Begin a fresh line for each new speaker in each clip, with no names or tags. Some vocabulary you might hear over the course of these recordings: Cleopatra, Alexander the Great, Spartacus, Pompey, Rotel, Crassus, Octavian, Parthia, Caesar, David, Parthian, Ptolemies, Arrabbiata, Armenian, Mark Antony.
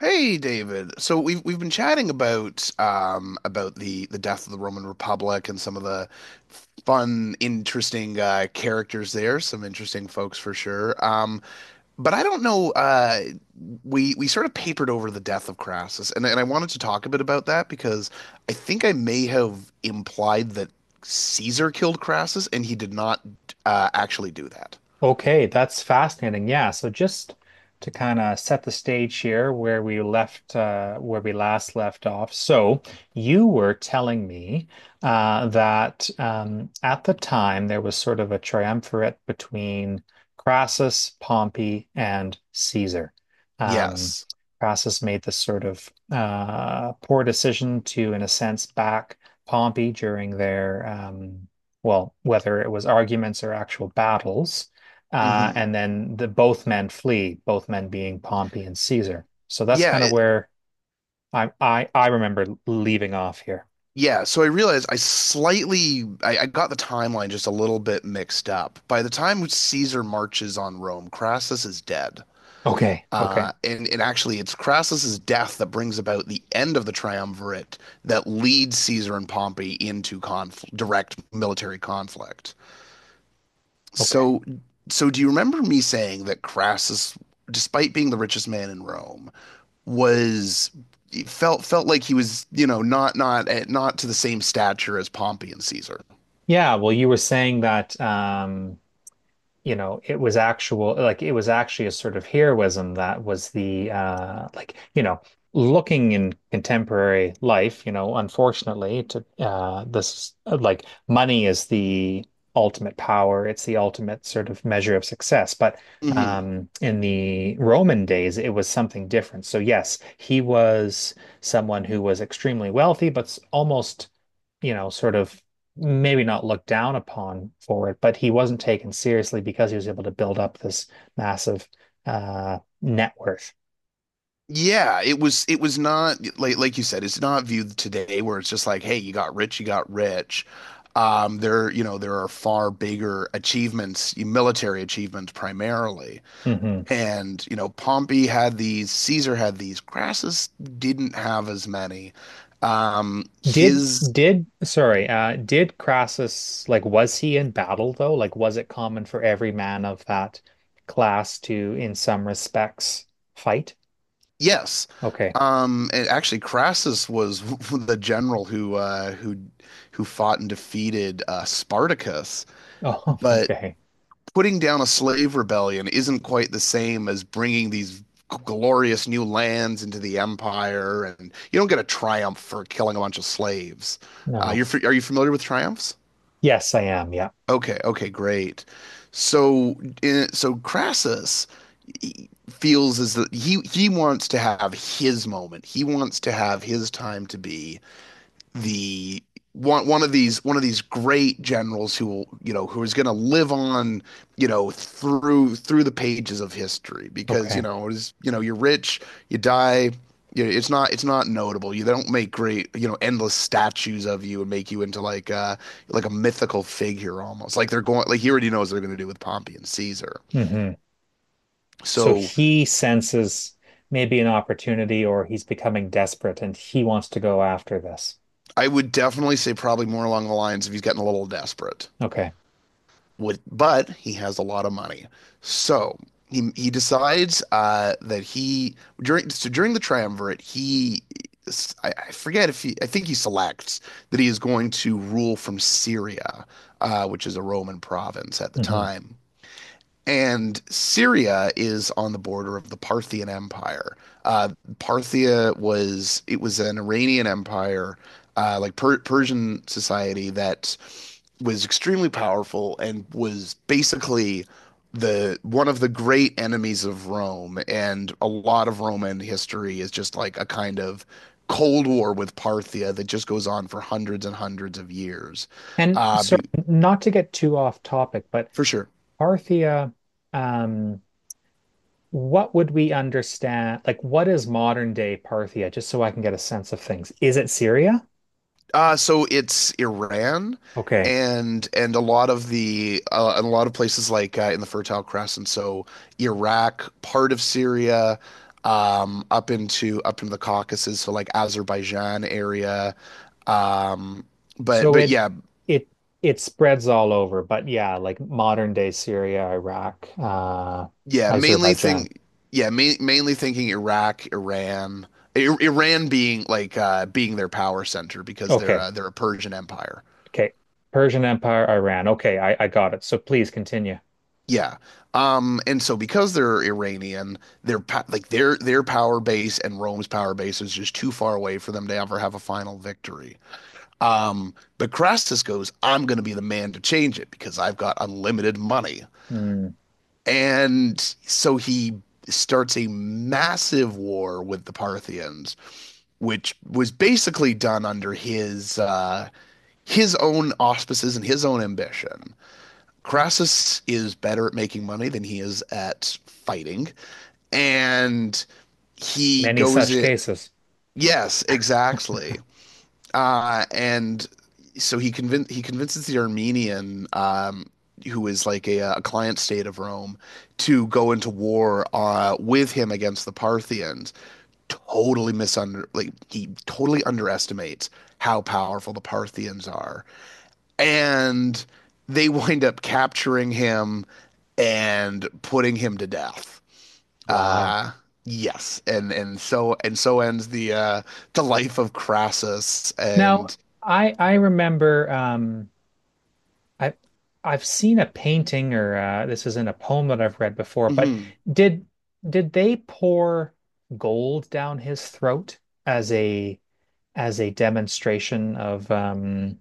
Hey David. So we've been chatting about the death of the Roman Republic and some of the fun, interesting characters there, some interesting folks for sure. But I don't know, we sort of papered over the death of Crassus and I wanted to talk a bit about that because I think I may have implied that Caesar killed Crassus and he did not actually do that.
Okay, that's fascinating. Yeah, so just to kind of set the stage here where we left where we last left off. So you were telling me that at the time there was sort of a triumvirate between Crassus, Pompey, and Caesar. Um,
Yes.
Crassus made this sort of poor decision to, in a sense, back Pompey during their well, whether it was arguments or actual battles.
Hmm.
And then the both men flee, both men being Pompey and Caesar. So that's kind of
Yeah.
where I remember leaving off here.
Yeah, so I realized I got the timeline just a little bit mixed up. By the time Caesar marches on Rome, Crassus is dead.
Okay, okay,
And actually, it's Crassus's death that brings about the end of the triumvirate that leads Caesar and Pompey into conf direct military conflict.
okay.
So, so do you remember me saying that Crassus, despite being the richest man in Rome, was felt like he was, you know, not to the same stature as Pompey and Caesar.
Yeah, well, you were saying that you know, it was actual like it was actually a sort of heroism that was the like, you know, looking in contemporary life, you know, unfortunately to this like money is the ultimate power, it's the ultimate sort of measure of success. But
Hmm.
in the Roman days it was something different. So yes, he was someone who was extremely wealthy, but almost, you know, sort of maybe not looked down upon for it, but he wasn't taken seriously because he was able to build up this massive net worth.
Yeah, it was not like like you said, it's not viewed today where it's just like, hey, you got rich, you got rich. There, you know, there are far bigger achievements, military achievements primarily.
Hmm.
And, you know, Pompey had these, Caesar had these, Crassus didn't have as many.
Did
His,
did sorry, did Crassus like was he in battle though? Like was it common for every man of that class to, in some respects, fight?
yes.
Okay.
And actually Crassus was the general who fought and defeated Spartacus,
Oh,
but
okay.
putting down a slave rebellion isn't quite the same as bringing these glorious new lands into the empire, and you don't get a triumph for killing a bunch of slaves.
No.
You're, are you familiar with triumphs?
Yes, I am. Yeah.
Okay, okay, great. So, in, so Crassus feels as that he wants to have his moment. He wants to have his time to be the one of these great generals who will, you know, who is going to live on, you know, through the pages of history, because, you
Okay.
know, it is, you know, you're rich, you die, you know, it's not notable. You, they don't make great, you know, endless statues of you and make you into like a mythical figure, almost like they're going, like he already knows what they're going to do with Pompey and Caesar.
Hmm. So
So
he senses maybe an opportunity or he's becoming desperate and he wants to go after this.
I would definitely say probably more along the lines if he's getting a little desperate.
Okay.
With, but he has a lot of money. So he decides, that he, during, so during the triumvirate he, I forget if he, I think he selects that he is going to rule from Syria, which is a Roman province at the
Hmm.
time. And Syria is on the border of the Parthian Empire. Uh, Parthia was, it was an Iranian empire, like Persian society that was extremely powerful and was basically the one of the great enemies of Rome. And a lot of Roman history is just like a kind of Cold War with Parthia that just goes on for hundreds and hundreds of years.
And
Uh,
so,
be,
not to get too off topic, but
for sure.
Parthia, um, what would we understand? Like, what is modern day Parthia? Just so I can get a sense of things. Is it Syria?
So it's Iran,
Okay.
and a lot of the, and a lot of places like, in the Fertile Crescent, so Iraq, part of Syria, up into the Caucasus, so like Azerbaijan area. Um,
So
but yeah,
it it spreads all over, but yeah, like modern day Syria, Iraq,
yeah, mainly
Azerbaijan.
think yeah, ma mainly thinking Iraq, Iran, I Iran being like, being their power center because
Okay.
they're a Persian empire.
Okay. Persian Empire, Iran. Okay, I got it. So please continue.
Yeah. And so because they're Iranian, their like their power base and Rome's power base is just too far away for them to ever have a final victory. But Crassus goes, I'm going to be the man to change it because I've got unlimited money.
Hmm.
And so he starts a massive war with the Parthians, which was basically done under his own auspices and his own ambition. Crassus is better at making money than he is at fighting. And he
Many
goes
such
in.
cases.
Yes, exactly. And so he convinces the Armenian, who is like a client state of Rome, to go into war, with him against the Parthians. Totally misunder like he totally underestimates how powerful the Parthians are, and they wind up capturing him and putting him to death.
Wow.
Uh, yes, and so ends the life of Crassus.
Now,
And
I remember I I've seen a painting or this is in a poem that I've read before, but
mhm.
did did they pour gold down his throat as a as a demonstration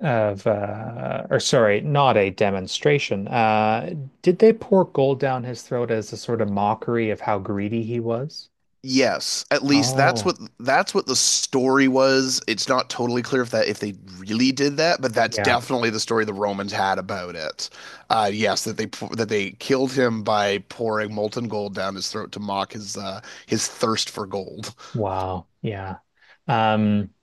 of or sorry, not a demonstration. Did they pour gold down his throat as a sort of mockery of how greedy he was?
Yes, at least that's
Oh,
what that's what the story was. It's not totally clear if that, if they really did that, but that's
yeah.
definitely the story the Romans had about it. Yes, that they killed him by pouring molten gold down his throat to mock his thirst for gold.
Wow. Yeah. Um,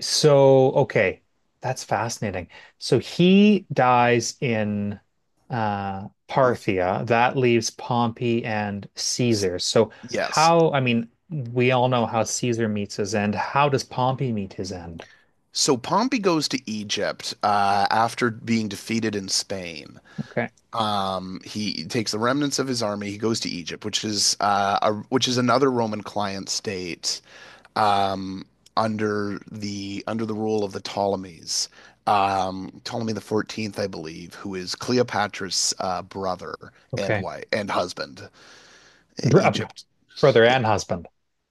so okay, that's fascinating. So he dies in Parthia. That leaves Pompey and Caesar. So
Yes.
how, I mean, we all know how Caesar meets his end. How does Pompey meet his end?
So Pompey goes to Egypt, after being defeated in Spain.
Okay.
He takes the remnants of his army. He goes to Egypt, which is which is another Roman client state, um, under the rule of the Ptolemies. Ptolemy the 14th, I believe, who is Cleopatra's brother and
Okay.
wife and husband. E,
Br-
Egypt.
Brother
Yeah.
and husband.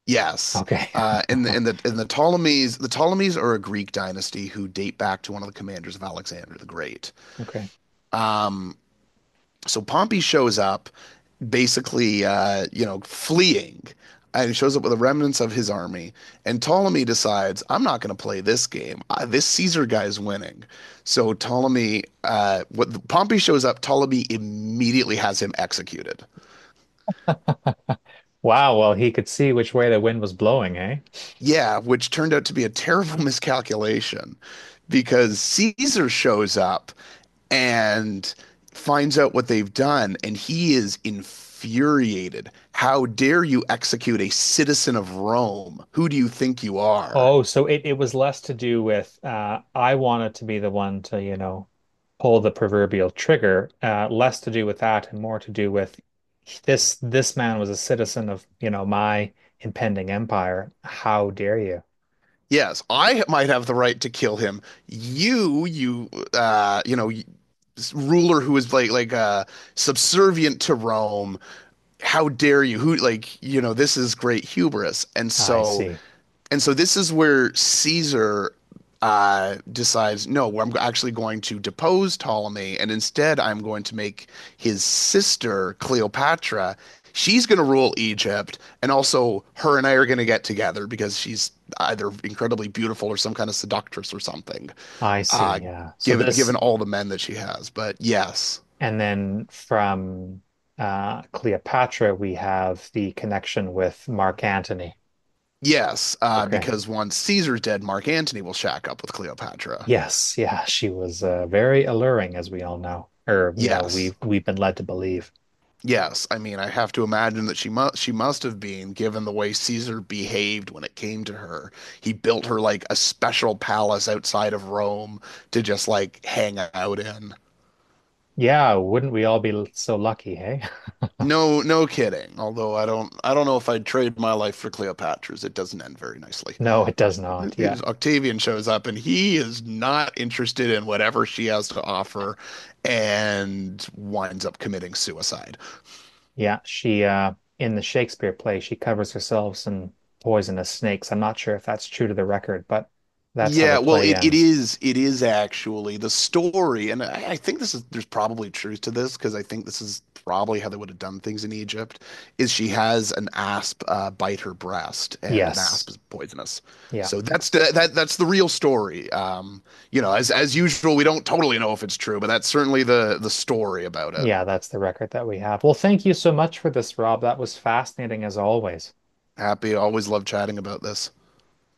Yes.
Okay.
In the in the in the Ptolemies are a Greek dynasty who date back to one of the commanders of Alexander the Great.
Okay.
So Pompey shows up, basically, you know, fleeing, and he shows up with the remnants of his army. And Ptolemy decides, I'm not going to play this game. I, this Caesar guy's winning. So Ptolemy, what Pompey shows up, Ptolemy immediately has him executed.
Wow. Well, he could see which way the wind was blowing, eh?
Yeah, which turned out to be a terrible miscalculation, because Caesar shows up and finds out what they've done, and he is infuriated. How dare you execute a citizen of Rome? Who do you think you are?
Oh, so it was less to do with I wanted to be the one to, you know, pull the proverbial trigger, less to do with that and more to do with this man was a citizen of, you know, my impending empire. How dare you?
Yes, I might have the right to kill him. You, you know, ruler who is like, subservient to Rome. How dare you? Who, like, you know? This is great hubris, and
I
so,
see.
and so this is where Caesar, decides, no, I'm actually going to depose Ptolemy, and instead I'm going to make his sister Cleopatra. She's going to rule Egypt, and also her and I are going to get together because she's either incredibly beautiful or some kind of seductress or something.
I see.
Uh,
Yeah. So
given
this,
all the men that she has, but yes,
and then from Cleopatra, we have the connection with Mark Antony.
yes,
Okay.
because once Caesar's dead, Mark Antony will shack up with Cleopatra.
Yes, yeah, she was very alluring, as we all know, or you know,
Yes.
we've been led to believe.
Yes, I mean, I have to imagine that she must, she must have been, given the way Caesar behaved when it came to her. He built her like a special palace outside of Rome to just like hang out in.
Yeah, wouldn't we all be so lucky, hey?
No, no kidding. Although I don't know if I'd trade my life for Cleopatra's. It doesn't end very nicely.
No, it does not. Yeah,
Octavian shows up and he is not interested in whatever she has to offer and winds up committing suicide.
yeah. She in the Shakespeare play, she covers herself in poisonous snakes. I'm not sure if that's true to the record, but that's how the
Yeah, well,
play
it, it
ends.
is it is actually the story, and I think this is, there's probably truth to this because I think this is probably how they would have done things in Egypt, is she has an asp, bite her breast, and an asp
Yes,
is poisonous,
yeah,
so that's
ex
the that that's the real story. You know, as usual, we don't totally know if it's true, but that's certainly the story about it.
yeah. That's the record that we have. Well, thank you so much for this, Rob. That was fascinating as always.
Happy, always love chatting about this.